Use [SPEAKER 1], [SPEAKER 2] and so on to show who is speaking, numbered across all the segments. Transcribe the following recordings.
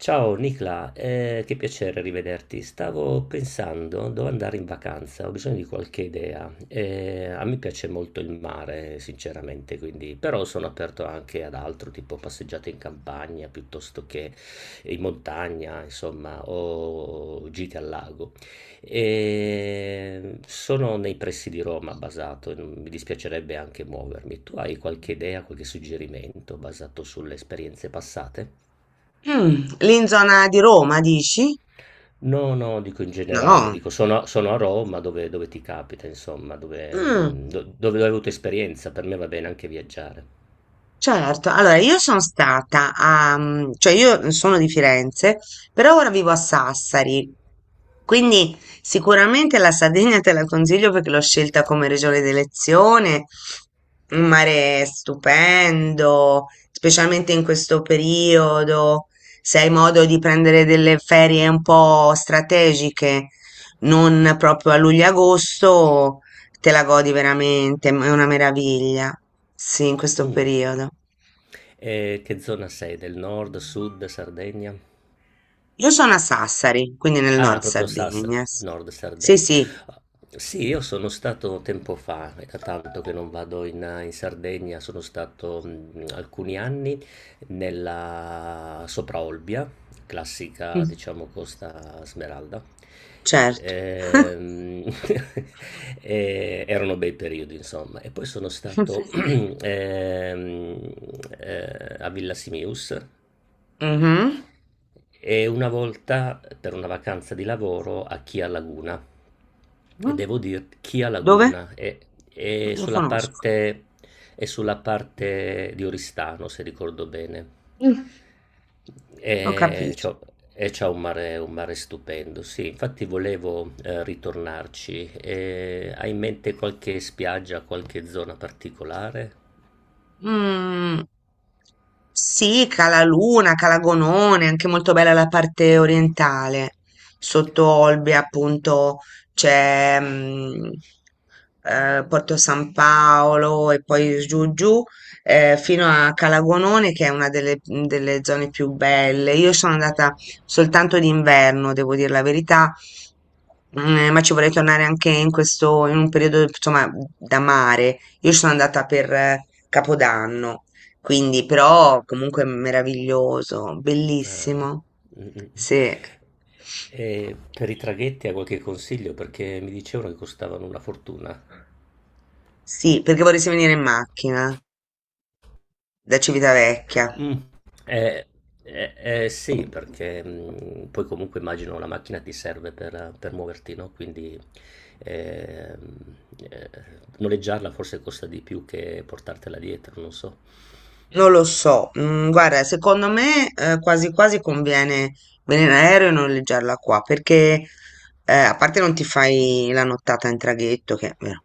[SPEAKER 1] Ciao Nicla, che piacere rivederti. Stavo pensando dove andare in vacanza, ho bisogno di qualche idea. A me piace molto il mare, sinceramente, quindi, però sono aperto anche ad altro, tipo passeggiate in campagna piuttosto che in montagna, insomma, o gite al lago. Sono nei pressi di Roma basato, mi dispiacerebbe anche muovermi. Tu hai qualche idea, qualche suggerimento basato sulle esperienze passate?
[SPEAKER 2] Lì in zona di Roma, dici?
[SPEAKER 1] No, no, dico in generale,
[SPEAKER 2] No.
[SPEAKER 1] dico sono a Roma dove ti capita insomma, dove
[SPEAKER 2] Mm,
[SPEAKER 1] do dove hai avuto esperienza, per me va bene anche viaggiare.
[SPEAKER 2] certo, allora io sono stata a, cioè io sono di Firenze, però ora vivo a Sassari, quindi sicuramente la Sardegna te la consiglio perché l'ho scelta come regione d'elezione, un mare stupendo, specialmente in questo periodo, se hai modo di prendere delle ferie un po' strategiche, non proprio a luglio-agosto. Te la godi veramente, è una meraviglia. Sì, in questo
[SPEAKER 1] Mh.
[SPEAKER 2] periodo.
[SPEAKER 1] E che zona sei? Del nord, sud, Sardegna?
[SPEAKER 2] Io sono a Sassari, quindi nel
[SPEAKER 1] Ah,
[SPEAKER 2] nord
[SPEAKER 1] proprio Sassari,
[SPEAKER 2] Sardegna.
[SPEAKER 1] Nord
[SPEAKER 2] Sì,
[SPEAKER 1] Sardegna.
[SPEAKER 2] sì,
[SPEAKER 1] Sì, io sono stato tempo fa, è da tanto che non vado in Sardegna, sono stato alcuni anni nella Sopraolbia,
[SPEAKER 2] mm,
[SPEAKER 1] classica, diciamo, Costa Smeralda.
[SPEAKER 2] certo.
[SPEAKER 1] Ehm, e erano bei periodi, insomma. E poi sono stato ehm, a Villa Simius,
[SPEAKER 2] Mhm.
[SPEAKER 1] e una volta per una vacanza di lavoro a Chia Laguna e devo dire
[SPEAKER 2] Dove?
[SPEAKER 1] È
[SPEAKER 2] Lo
[SPEAKER 1] sulla
[SPEAKER 2] conosco.
[SPEAKER 1] parte, è sulla parte di Oristano, se ricordo bene.
[SPEAKER 2] Mm. Ho
[SPEAKER 1] E
[SPEAKER 2] capito.
[SPEAKER 1] c'ho- e c'ha un mare stupendo, sì, infatti volevo ritornarci. E hai in mente qualche spiaggia, qualche zona particolare?
[SPEAKER 2] Mm, sì, Calaluna, Calagonone, anche molto bella la parte orientale. Sotto Olbia, appunto, c'è Porto San Paolo e poi giù giù fino a Calagonone, che è una delle, delle zone più belle. Io sono andata soltanto d'inverno, devo dire la verità, ma ci vorrei tornare anche in questo, in un periodo, insomma, da mare. Io ci sono andata per Capodanno, quindi però comunque meraviglioso,
[SPEAKER 1] Ah.
[SPEAKER 2] bellissimo.
[SPEAKER 1] Mm, mm, mm.
[SPEAKER 2] Sì.
[SPEAKER 1] E per i traghetti ha qualche consiglio? Perché mi dicevano che costavano una fortuna.
[SPEAKER 2] Sì, perché vorresti venire in macchina da Civitavecchia.
[SPEAKER 1] Mm. Eh, eh, sì, perché poi comunque immagino la macchina ti serve per muoverti, no? Quindi ehm, eh, noleggiarla forse costa di più che portartela dietro, non so.
[SPEAKER 2] Non lo so, guarda, secondo me quasi quasi conviene venire in aereo e noleggiarla qua, perché a parte non ti fai la nottata in traghetto, che è vero,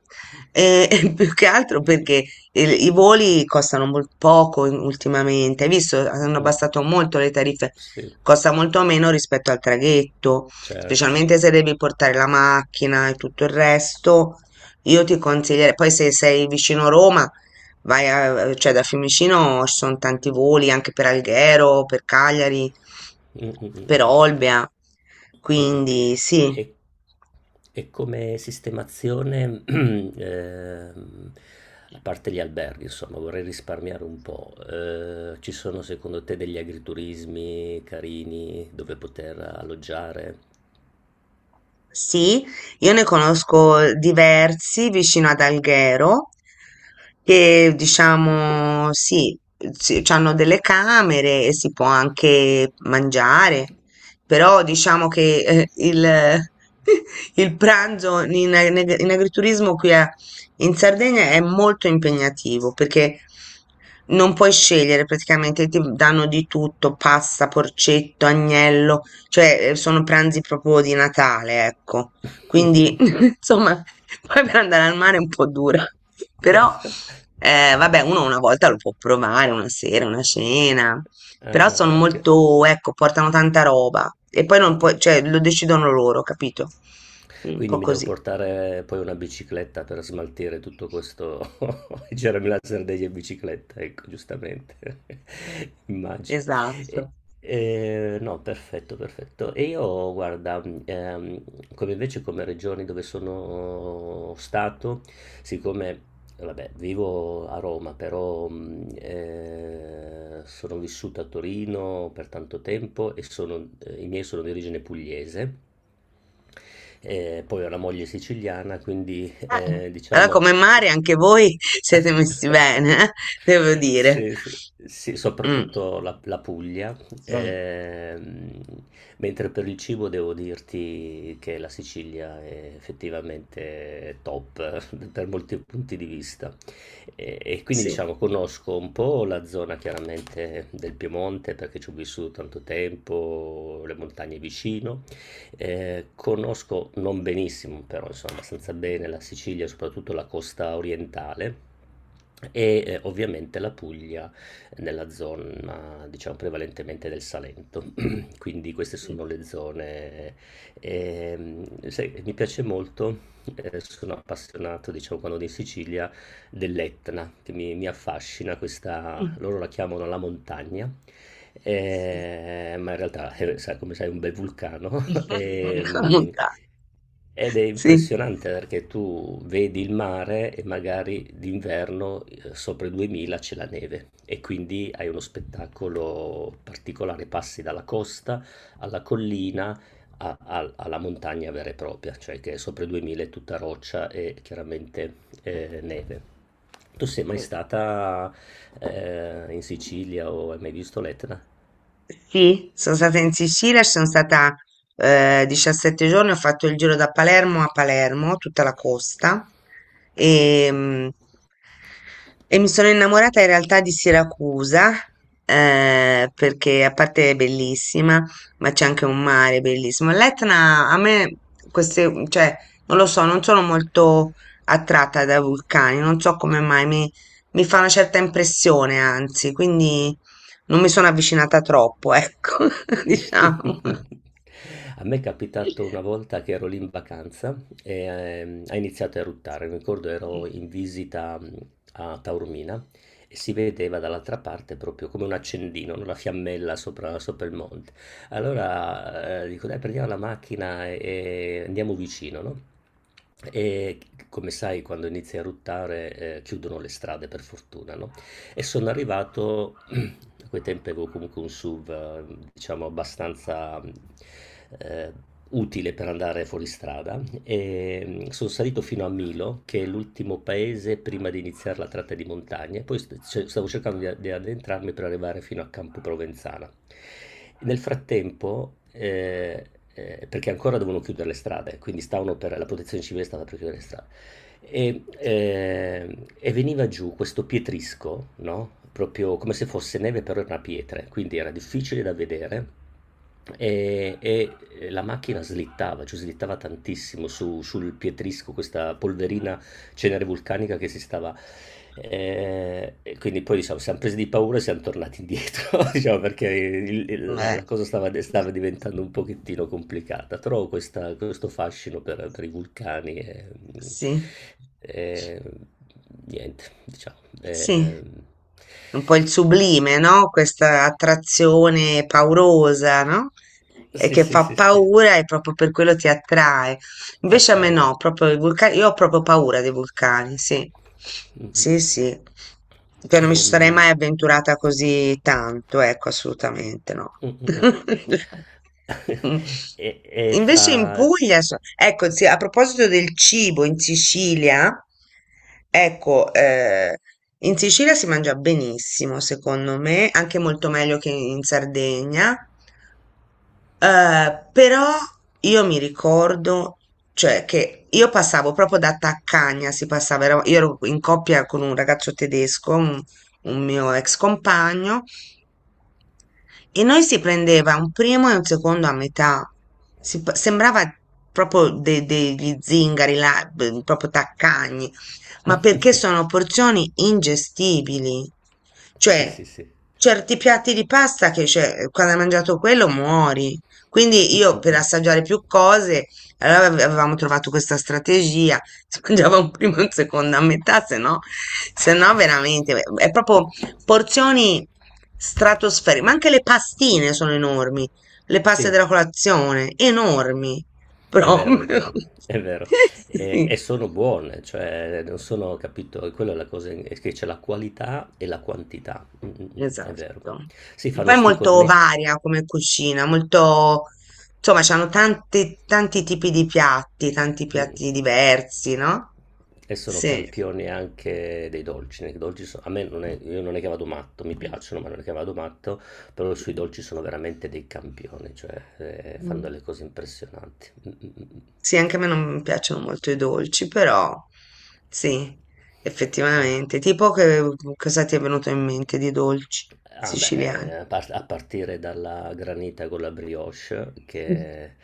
[SPEAKER 2] e, e più che altro perché i voli costano poco ultimamente, hai visto, hanno
[SPEAKER 1] Mm.
[SPEAKER 2] abbassato molto le tariffe,
[SPEAKER 1] Sì,
[SPEAKER 2] costa molto meno rispetto al traghetto,
[SPEAKER 1] certo.
[SPEAKER 2] specialmente se devi portare la macchina e tutto il resto, io ti consiglierei, poi se sei vicino Roma vai a, cioè da Fiumicino ci sono tanti voli anche per Alghero, per Cagliari,
[SPEAKER 1] Mm, mm, mm,
[SPEAKER 2] per
[SPEAKER 1] mm.
[SPEAKER 2] Olbia,
[SPEAKER 1] Mh-mh.
[SPEAKER 2] quindi sì.
[SPEAKER 1] E e come sistemazione, a parte gli alberghi, insomma, vorrei risparmiare un po'. Ci sono secondo te degli agriturismi carini dove poter alloggiare?
[SPEAKER 2] Sì, io ne conosco diversi vicino ad Alghero che diciamo sì, hanno delle camere e si può anche mangiare, però diciamo che il, il pranzo in, in agriturismo qui in Sardegna è molto impegnativo perché non puoi scegliere praticamente, ti danno di tutto, pasta, porcetto, agnello cioè, sono pranzi proprio di Natale, ecco. Quindi, insomma, poi per andare al mare è un po' dura. Però, vabbè, uno una volta lo può provare, una sera, una cena.
[SPEAKER 1] Ah,
[SPEAKER 2] Però
[SPEAKER 1] ah,
[SPEAKER 2] sono
[SPEAKER 1] ah, ok.
[SPEAKER 2] molto, ecco, portano tanta roba. E poi non puoi, cioè, lo decidono loro, capito? Un
[SPEAKER 1] Quindi
[SPEAKER 2] po'
[SPEAKER 1] mi devo
[SPEAKER 2] così.
[SPEAKER 1] portare poi una bicicletta per smaltire tutto questo germe degli in bicicletta, ecco, giustamente, immagino. E-
[SPEAKER 2] Esatto.
[SPEAKER 1] no, perfetto, perfetto. E io, guarda, come invece come regioni dove sono stato, siccome, vabbè, vivo a Roma, però sono vissuto a Torino per tanto tempo e i miei sono di origine pugliese. E poi ho una moglie siciliana, quindi,
[SPEAKER 2] Eh, allora,
[SPEAKER 1] diciamo
[SPEAKER 2] come
[SPEAKER 1] sì.
[SPEAKER 2] mare, anche voi siete messi bene, devo dire.
[SPEAKER 1] Sì, sì, sì,
[SPEAKER 2] Mm.
[SPEAKER 1] soprattutto la Puglia,
[SPEAKER 2] Mm.
[SPEAKER 1] ehm, mentre per il cibo devo dirti che la Sicilia è effettivamente top per molti punti di vista. E quindi
[SPEAKER 2] Sì.
[SPEAKER 1] diciamo conosco un po' la zona chiaramente del Piemonte perché ci ho vissuto tanto tempo, le montagne vicino, conosco non benissimo, però insomma abbastanza bene la Sicilia, soprattutto la costa orientale. Ovviamente la Puglia nella zona, diciamo, prevalentemente del Salento. Quindi queste
[SPEAKER 2] Mm.
[SPEAKER 1] sono le zone. Sai, mi piace molto, sono appassionato, diciamo, quando vado in Sicilia, dell'Etna, che mi affascina questa,
[SPEAKER 2] Mm.
[SPEAKER 1] loro la chiamano la montagna,
[SPEAKER 2] Sì.
[SPEAKER 1] ma in realtà, come sai, è un bel vulcano. E,
[SPEAKER 2] Comunità,
[SPEAKER 1] ed è
[SPEAKER 2] sì.
[SPEAKER 1] impressionante perché tu vedi il mare e magari d'inverno sopra i 2000 c'è la neve e quindi hai uno spettacolo particolare, passi dalla costa alla collina alla montagna vera e propria, cioè che sopra i 2000 è tutta roccia e chiaramente neve. Tu sei mai stata in Sicilia o hai mai visto l'Etna?
[SPEAKER 2] Sì, sono stata in Sicilia, ci sono stata 17 giorni, ho fatto il giro da Palermo a Palermo, tutta la costa, e, e mi sono innamorata in realtà di Siracusa, perché a parte è bellissima, ma c'è anche un mare bellissimo. L'Etna, a me, queste, cioè, non lo so, non sono molto attratta da vulcani, non so come mai, mi fa una certa impressione, anzi, quindi... Non mi sono avvicinata troppo, ecco, diciamo.
[SPEAKER 1] A me è capitato una volta che ero lì in vacanza e ha iniziato a eruttare. Mi ricordo ero in visita a Taormina e si vedeva dall'altra parte proprio come un accendino, no? Una fiammella sopra, sopra il monte. Allora dico, dai, prendiamo la macchina e andiamo vicino, no? E come sai, quando inizia a eruttare, chiudono le strade per fortuna, no? E sono arrivato, a quei tempi avevo comunque un SUV, diciamo, abbastanza eh, utile per andare fuori strada. E sono salito fino a Milo, che è l'ultimo paese prima di iniziare la tratta di montagna. E poi stavo cercando di addentrarmi per arrivare fino a Campo Provenzana. Nel frattempo, perché ancora dovevano chiudere le strade, quindi stavano per, la protezione civile stava per chiudere le strade. E veniva giù questo pietrisco, no? Proprio come se fosse neve, però era una pietra, quindi era difficile da vedere e la macchina slittava, cioè slittava tantissimo sul pietrisco, questa polverina cenere vulcanica che si stava... E quindi poi diciamo, siamo presi di paura e siamo tornati indietro, diciamo, perché
[SPEAKER 2] Beh,
[SPEAKER 1] la cosa stava diventando un pochettino complicata. Trovo questo fascino per i vulcani
[SPEAKER 2] sì.
[SPEAKER 1] e niente, diciamo.
[SPEAKER 2] Sì, un po' il sublime, no? Questa attrazione paurosa, no? E
[SPEAKER 1] Sì,
[SPEAKER 2] che
[SPEAKER 1] sì,
[SPEAKER 2] fa
[SPEAKER 1] sì, sì,
[SPEAKER 2] paura e proprio per quello ti attrae.
[SPEAKER 1] ti
[SPEAKER 2] Invece a me
[SPEAKER 1] attrae,
[SPEAKER 2] no,
[SPEAKER 1] esatto.
[SPEAKER 2] proprio i vulcani, io ho proprio paura dei vulcani, sì.
[SPEAKER 1] Mh-mh.
[SPEAKER 2] Sì, sì. Cioè, non mi ci sarei
[SPEAKER 1] Ehm.
[SPEAKER 2] mai avventurata così tanto, ecco, assolutamente no.
[SPEAKER 1] Mh, mh, mh.
[SPEAKER 2] Mm.
[SPEAKER 1] E e fra
[SPEAKER 2] Invece in Puglia, ecco, sì, a proposito del cibo in Sicilia, ecco, in Sicilia si mangia benissimo, secondo me, anche molto meglio che in Sardegna. Però io mi ricordo, cioè, che io passavo proprio da taccagna, si passava, io ero in coppia con un ragazzo tedesco, un mio ex compagno, e noi si prendeva un primo e un secondo a metà. Sembrava proprio degli zingari, là, proprio taccagni ma perché sono porzioni ingestibili.
[SPEAKER 1] Sì,
[SPEAKER 2] Cioè,
[SPEAKER 1] sì, sì.
[SPEAKER 2] certi piatti di pasta che cioè, quando hai mangiato quello muori.
[SPEAKER 1] Mh,
[SPEAKER 2] Quindi io
[SPEAKER 1] mh,
[SPEAKER 2] per
[SPEAKER 1] mh.
[SPEAKER 2] assaggiare più cose, allora avevamo trovato questa strategia, si mangiava un primo e un secondo a metà, se no, se no veramente, è proprio porzioni stratosferiche, ma anche le pastine sono enormi, le paste
[SPEAKER 1] Sì,
[SPEAKER 2] della colazione, enormi,
[SPEAKER 1] è vero, è
[SPEAKER 2] proprio.
[SPEAKER 1] vero, è vero. E
[SPEAKER 2] Sì.
[SPEAKER 1] e sono buone, cioè non sono capito, e quella è la cosa, è che c'è la qualità e la quantità. È vero.
[SPEAKER 2] Esatto.
[SPEAKER 1] Sì,
[SPEAKER 2] E poi
[SPEAKER 1] fanno
[SPEAKER 2] è
[SPEAKER 1] 'sti
[SPEAKER 2] molto
[SPEAKER 1] cornet
[SPEAKER 2] varia come cucina, molto, insomma, c'hanno tanti, tanti tipi di piatti, tanti piatti
[SPEAKER 1] mh.
[SPEAKER 2] diversi, no?
[SPEAKER 1] E sono
[SPEAKER 2] Sì.
[SPEAKER 1] campione anche dei dolci. Nei dolci a me non è, io non è che vado matto, mi piacciono, ma non è che vado matto, però sui dolci sono veramente dei campioni, cioè fanno
[SPEAKER 2] Mm.
[SPEAKER 1] delle cose impressionanti. Mm, mm, mm. Mm.
[SPEAKER 2] Sì, anche a me non piacciono molto i dolci, però sì,
[SPEAKER 1] Eh,
[SPEAKER 2] effettivamente. Tipo che cosa ti è venuto in mente di dolci
[SPEAKER 1] Ah beh,
[SPEAKER 2] siciliani?
[SPEAKER 1] a partire dalla granita con la brioche,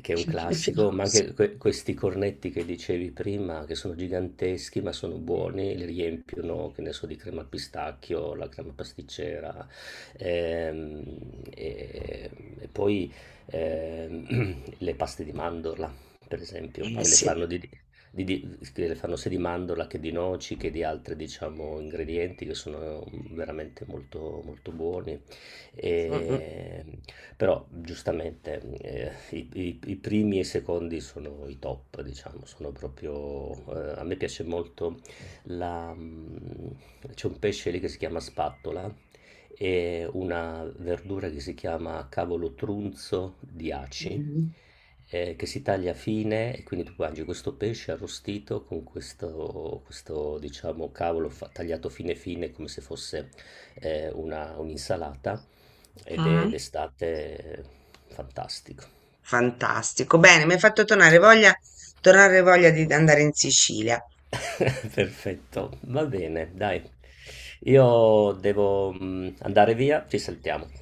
[SPEAKER 1] che è un classico, ma anche questi cornetti che dicevi prima, che sono giganteschi ma sono buoni, li riempiono, che ne so, di crema al pistacchio, la crema pasticcera. Ehm, e, e poi le paste di mandorla, per esempio,
[SPEAKER 2] Eh
[SPEAKER 1] che le
[SPEAKER 2] sì.
[SPEAKER 1] fanno che fanno sia di mandorla che di noci che di altri, diciamo, ingredienti che sono veramente molto, molto buoni.
[SPEAKER 2] Mm,
[SPEAKER 1] E, Però, giustamente, i primi e i secondi sono i top, diciamo, sono proprio... a me piace molto la... mm, c'è un pesce lì che si chiama spattola e una verdura che si chiama cavolo trunzo di aci,
[SPEAKER 2] mm.
[SPEAKER 1] che si taglia fine e quindi tu mangi questo pesce arrostito con questo, questo, diciamo, tagliato fine fine come se fosse un'insalata ed è
[SPEAKER 2] Mhm.
[SPEAKER 1] d'estate fantastico.
[SPEAKER 2] Fantastico. Bene, mi hai fatto tornare voglia di andare in Sicilia.
[SPEAKER 1] Perfetto, va bene, dai. Io devo andare via, ci saltiamo.